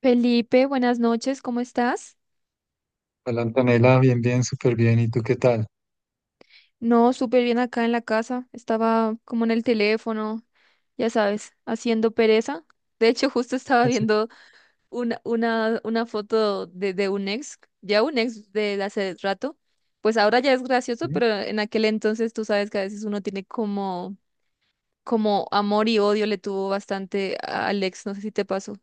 Felipe, buenas noches, ¿cómo estás? Hola Antonella, bien, súper bien. ¿Y tú qué tal? No, súper bien acá en la casa. Estaba como en el teléfono, ya sabes, haciendo pereza. De hecho, justo estaba Así, viendo una foto de un ex, ya un ex de hace rato. Pues ahora ya es gracioso, ¿sí? pero en aquel entonces tú sabes que a veces uno tiene como, como amor y odio le tuvo bastante al ex, no sé si te pasó.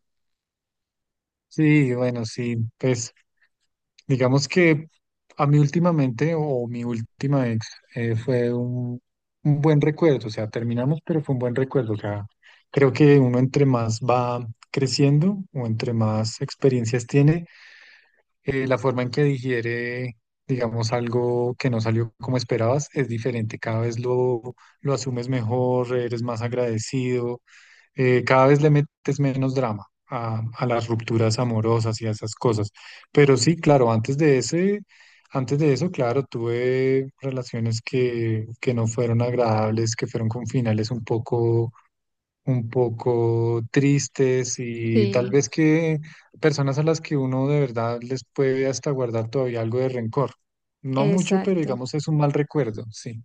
Sí, bueno, pues digamos que a mí últimamente o mi última ex fue un buen recuerdo, o sea, terminamos, pero fue un buen recuerdo, o sea, creo que uno entre más va creciendo o entre más experiencias tiene, la forma en que digiere, digamos, algo que no salió como esperabas es diferente, lo asumes mejor, eres más agradecido. Cada vez le metes menos drama a las rupturas amorosas y a esas cosas. Pero sí, claro, antes de eso, claro, tuve relaciones que no fueron agradables, que fueron con finales un poco tristes y tal Sí, vez que personas a las que uno de verdad les puede hasta guardar todavía algo de rencor. No mucho, pero exacto. digamos es un mal recuerdo, sí.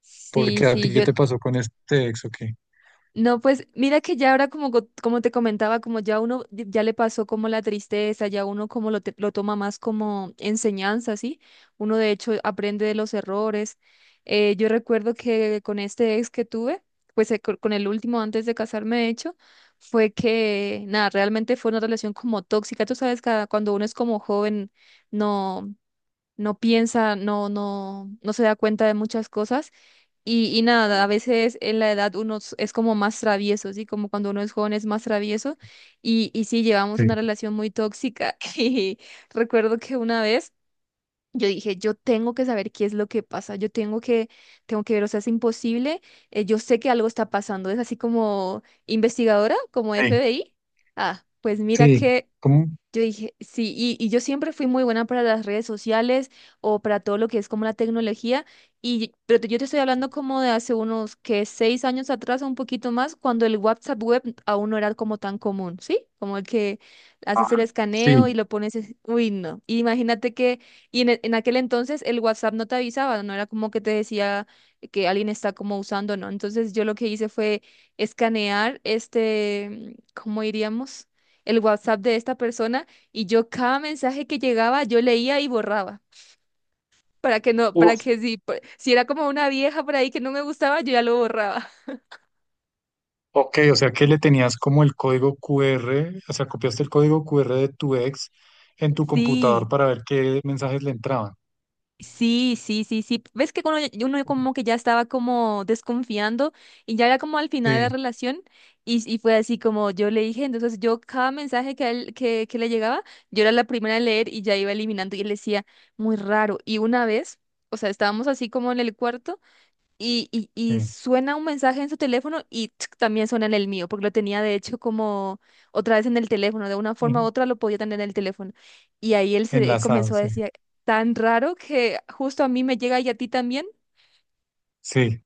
Sí, Porque a ti, sí, ¿qué yo. te pasó con este ex o qué? No, pues mira que ya ahora como, como te comentaba, como ya uno ya le pasó como la tristeza, ya uno como lo, lo toma más como enseñanza, ¿sí? Uno de hecho aprende de los errores. Yo recuerdo que con este ex que tuve, pues con el último antes de casarme, de hecho, fue que, nada, realmente fue una relación como tóxica. Tú sabes, cada, cuando uno es como joven, no, no piensa, no, no, no se da cuenta de muchas cosas. Y nada, a Mm. veces en la edad uno es como más travieso, ¿sí? Como cuando uno es joven es más travieso. Y sí, llevamos una Sí. relación muy tóxica. Y recuerdo que una vez yo dije, yo tengo que saber qué es lo que pasa, yo tengo que ver, o sea, es imposible. Yo sé que algo está pasando, es así como investigadora, como Sí. FBI. Ah, pues mira Sí, que ¿cómo? yo dije, sí, y yo siempre fui muy buena para las redes sociales o para todo lo que es como la tecnología, y, pero yo te estoy hablando como de hace unos que 6 años atrás o un poquito más, cuando el WhatsApp web aún no era como tan común, ¿sí? Como el que Ah, haces el escaneo y sí. lo pones, uy, no. Y imagínate que, y en, en aquel entonces el WhatsApp no te avisaba, no era como que te decía que alguien está como usando, ¿no? Entonces yo lo que hice fue escanear este, ¿cómo diríamos? El WhatsApp de esta persona y yo cada mensaje que llegaba yo leía y borraba para que no, para Uf. que si, si era como una vieja por ahí que no me gustaba, yo ya lo borraba. Ok, o sea que le tenías como el código QR, o sea, copiaste el código QR de tu ex en tu Sí, computador para ver qué mensajes le entraban. sí, sí, sí, sí. Ves que uno, uno como que ya estaba como desconfiando y ya era como al final de la Sí, relación y fue así como yo le dije, entonces yo cada mensaje que, a él, que le llegaba, yo era la primera en leer y ya iba eliminando y él decía, muy raro. Y una vez, o sea, estábamos así como en el cuarto. Y sí. suena un mensaje en su teléfono y tsk, también suena en el mío, porque lo tenía de hecho como otra vez en el teléfono, de una forma u en- otra lo podía tener en el teléfono. Y ahí él se Enlazado, comenzó a sí. decir, tan raro que justo a mí me llega y a ti también. Sí.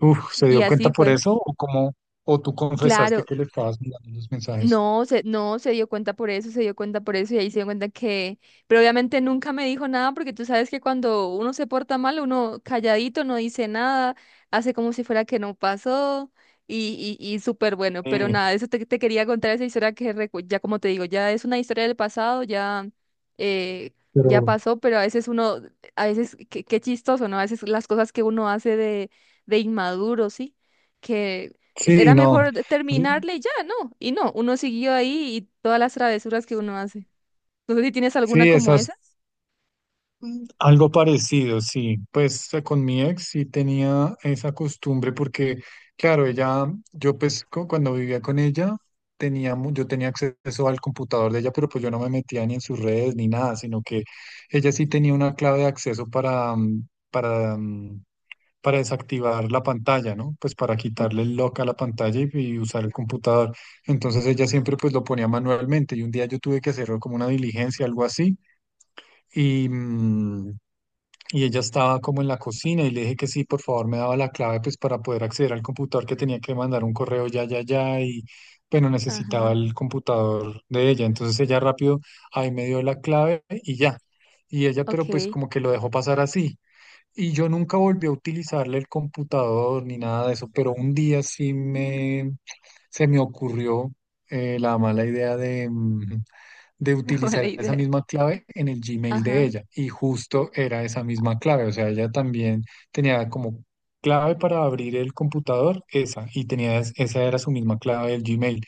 Uf, ¿se Y dio cuenta así por fue. eso? ¿O cómo? ¿O tú confesaste Claro, que le estabas mirando los mensajes? no, se, no, se dio cuenta por eso, se dio cuenta por eso y ahí se dio cuenta que, pero obviamente nunca me dijo nada porque tú sabes que cuando uno se porta mal, uno calladito, no dice nada, hace como si fuera que no pasó y súper bueno, pero Sí, nada, eso te, te quería contar esa historia que ya como te digo, ya es una historia del pasado, ya, eh, ya pero pasó, pero a veces uno, a veces, qué, qué chistoso, ¿no? A veces las cosas que uno hace de inmaduro, ¿sí? que sí, era no. mejor Yo- terminarle y ya, ¿no? Y no, uno siguió ahí y todas las travesuras que uno hace. No sé si tienes alguna sí, como esas. esas. Mm, algo parecido, sí. Pues con mi ex sí tenía esa costumbre porque, claro, ella, yo pues cuando vivía con ella, teníamos, yo tenía acceso al computador de ella, pero pues yo no me metía ni en sus redes ni nada, sino que ella sí tenía una clave de acceso para desactivar la pantalla, ¿no? Pues para Ok. quitarle el lock a la pantalla y usar el computador. Entonces ella siempre pues lo ponía manualmente y un día yo tuve que hacer como una diligencia, algo así. Y, mm, y ella estaba como en la cocina y le dije que sí, por favor, me daba la clave pues para poder acceder al computador que tenía que mandar un correo ya y bueno, Ajá, necesitaba el computador de ella. Entonces ella rápido ahí me dio la clave y ya. Y ella, pero pues ok. como que lo dejó pasar así. Y yo nunca volví a utilizarle el computador ni nada de eso, pero un día sí me se me ocurrió la mala idea de Mala utilizar esa idea. misma clave en el Gmail de Ajá, ella. Y justo era esa misma clave. O sea, ella también tenía como clave para abrir el computador, esa, y tenía, esa era su misma clave del Gmail.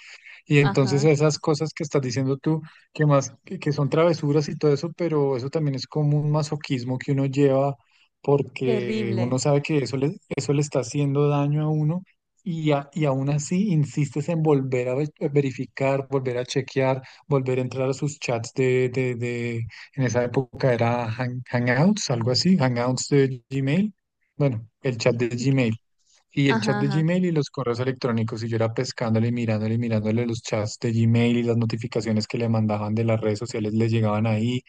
Y entonces ajá. esas cosas que estás diciendo tú, que son travesuras y todo eso, pero eso también es como un masoquismo que uno lleva porque Terrible. uno sabe que eso le está haciendo daño a uno y aún así insistes en volver a verificar, volver a chequear, volver a entrar a sus chats en esa época era Hangouts, algo así, Hangouts de Gmail. Bueno, el chat Sí, de sí Gmail. que- Y el chat Ajá, de ajá. Gmail y los correos electrónicos. Y yo era pescándole, y mirándole los chats de Gmail y las notificaciones que le mandaban de las redes sociales le llegaban ahí.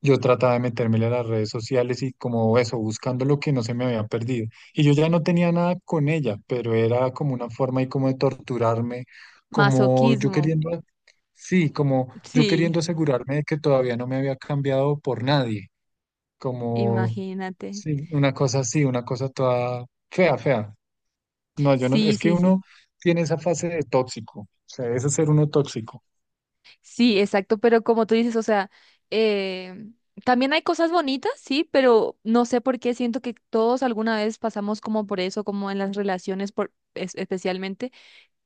Yo trataba de meterme a las redes sociales y como eso, buscando lo que no se me había perdido. Y yo ya no tenía nada con ella, pero era como una forma y como de torturarme, como yo Masoquismo. Sí, como yo Sí, queriendo asegurarme de que todavía no me había cambiado por nadie, como, imagínate. sí, una cosa así, una cosa toda fea, fea. No, yo no, Sí, es que sí, sí. uno tiene esa fase de tóxico, o sea, es ser uno tóxico. Sí, exacto, pero como tú dices, o sea, eh, también hay cosas bonitas, sí, pero no sé por qué siento que todos alguna vez pasamos como por eso, como en las relaciones, por, especialmente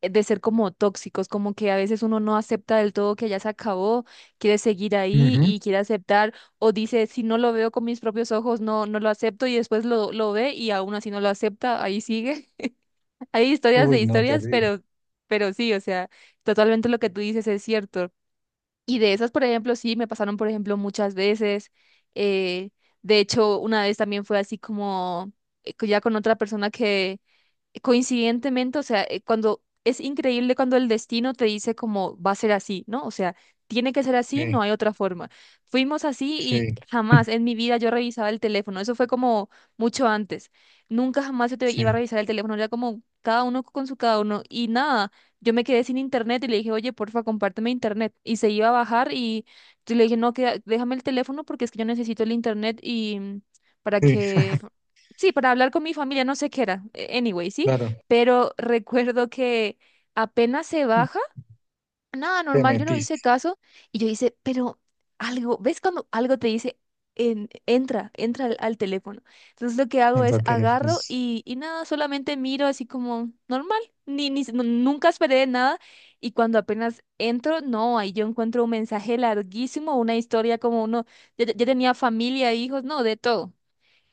de ser como tóxicos, como que a veces uno no acepta del todo que ya se acabó, quiere seguir ahí Ujú. y quiere aceptar, o dice, si no lo veo con mis propios ojos, no, no lo acepto y después lo ve y aún así no lo acepta, ahí sigue. Hay historias de Uy, no, historias, terrible. Pero sí, o sea, totalmente lo que tú dices es cierto. Y de esas, por ejemplo, sí, me pasaron, por ejemplo, muchas veces. Eh, de hecho, una vez también fue así como ya con otra persona que coincidentemente, o sea, cuando es increíble cuando el destino te dice como va a ser así, ¿no? O sea, tiene que ser así, Sí, no hay otra forma. Fuimos así y sí, jamás en mi vida yo revisaba el teléfono, eso fue como mucho antes. Nunca jamás yo te iba a sí. revisar el teléfono, era como cada uno con su cada uno y nada. Yo me quedé sin internet y le dije, oye, porfa, compárteme internet. Y se iba a bajar y yo le dije, no, déjame el teléfono porque es que yo necesito el internet para Sí. que sí, para hablar con mi familia, no sé qué era, anyway, sí, Claro, pero recuerdo que apenas se baja, nada te normal, yo no hice metiste caso y yo hice, pero algo, ¿ves cuando algo te dice, entra, entra al, al teléfono? Entonces lo que hago en es cualquier agarro pues. Y nada, solamente miro así como normal, ni, ni, nu- nunca esperé nada y cuando apenas entro, no, ahí yo encuentro un mensaje larguísimo, una historia como uno, ya tenía familia, hijos, no, de todo.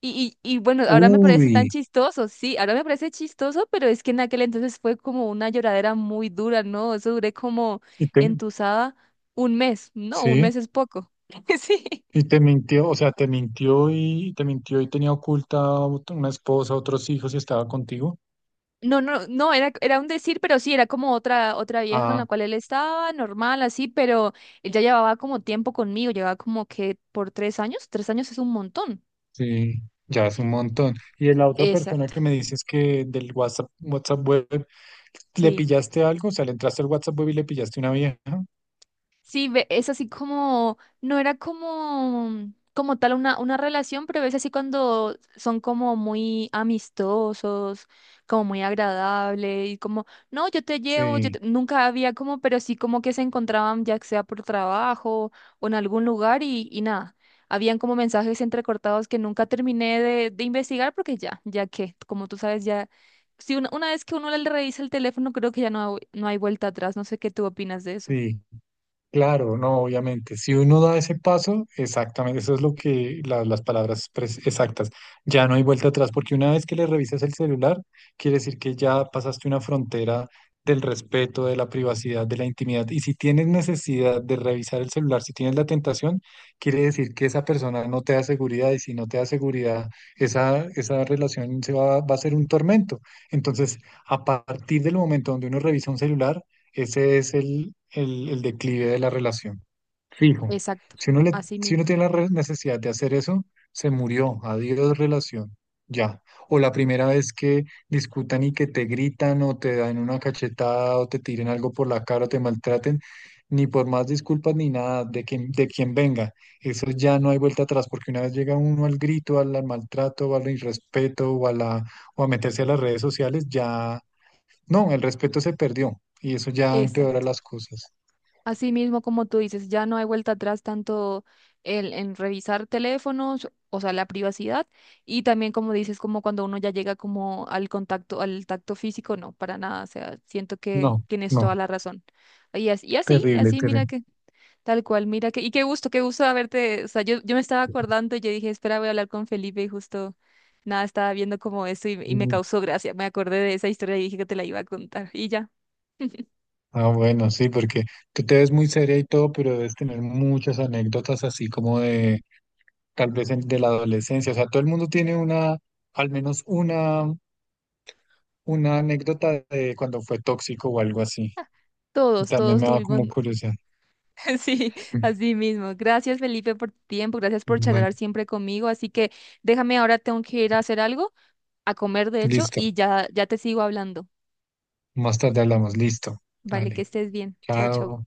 Y bueno, ahora me parece Uy, tan chistoso, sí, ahora me parece chistoso, pero es que en aquel entonces fue como una lloradera muy dura, ¿no? Eso duré como y te, entusada un mes, no, un sí, mes es poco. Sí. y te mintió, o sea, te mintió y tenía oculta una esposa, otros hijos y estaba contigo. No, no, no, era, era un decir, pero sí, era como otra, otra vieja con Ah, la cual él estaba, normal, así, pero ella llevaba como tiempo conmigo, llevaba como que por 3 años, 3 años es un montón. sí, ya es un montón. Y de la otra persona Exacto, que me dices que del WhatsApp web, ¿le sí. pillaste algo? O sea, le entraste al WhatsApp web y le pillaste una vieja. Sí, es así como, no era como, como tal una relación, pero ves así cuando son como muy amistosos, como muy agradable y como, no, yo te llevo, yo Sí, te-". Nunca había como, pero sí como que se encontraban ya sea por trabajo o en algún lugar y nada, habían como mensajes entrecortados que nunca terminé de investigar porque ya, ya que, como tú sabes, ya, si una, una vez que uno le revisa el teléfono, creo que ya no, no hay vuelta atrás, no sé qué tú opinas de eso. sí. Claro, no, obviamente. Si uno da ese paso, exactamente, eso es lo que las palabras exactas. Ya no hay vuelta atrás, porque una vez que le revisas el celular, quiere decir que ya pasaste una frontera del respeto, de la privacidad, de la intimidad. Y si tienes necesidad de revisar el celular, si tienes la tentación, quiere decir que esa persona no te da seguridad y si no te da seguridad, esa relación se va, va a ser un tormento. Entonces, a partir del momento donde uno revisa un celular, ese es el declive de la relación. Fijo. Exacto, Si uno le, así si mismo, uno tiene la necesidad de hacer eso, se murió. Adiós relación. Ya. O la primera vez que discutan y que te gritan o te dan una cachetada o te tiren algo por la cara o te maltraten, ni por más disculpas ni nada de quien, de quien venga. Eso ya no hay vuelta atrás, porque una vez llega uno al grito, al maltrato, o al irrespeto o a o a meterse a las redes sociales, ya no, el respeto se perdió y eso ya empeora exacto. las cosas. Así mismo como tú dices, ya no hay vuelta atrás tanto el, en revisar teléfonos, o sea, la privacidad, y también como dices, como cuando uno ya llega como al contacto, al tacto físico, no, para nada, o sea, siento que No, tienes no, toda la razón. Y así, y así, y terrible, así, mira terrible. que, tal cual, mira que, y qué gusto haberte, o sea, yo me estaba acordando y yo dije, espera, voy a hablar con Felipe y justo, nada, estaba viendo como eso y me Mm. causó gracia, me acordé de esa historia y dije que te la iba a contar, y ya. Ah, bueno, sí, porque tú te ves muy seria y todo, pero debes tener muchas anécdotas así como de, tal vez de la adolescencia. O sea, todo el mundo tiene una, al menos una anécdota de cuando fue tóxico o algo así. Y Todos, también todos me da tuvimos, como curiosidad. sí, Mm, así mismo. Gracias, Felipe, por tu tiempo, gracias por bueno, charlar siempre conmigo. Así que déjame ahora, tengo que ir a hacer algo, a comer, de hecho, listo. y ya, ya te sigo hablando. Más tarde hablamos. Listo. Vale, que Vale. estés bien. Chao, chao. Chao.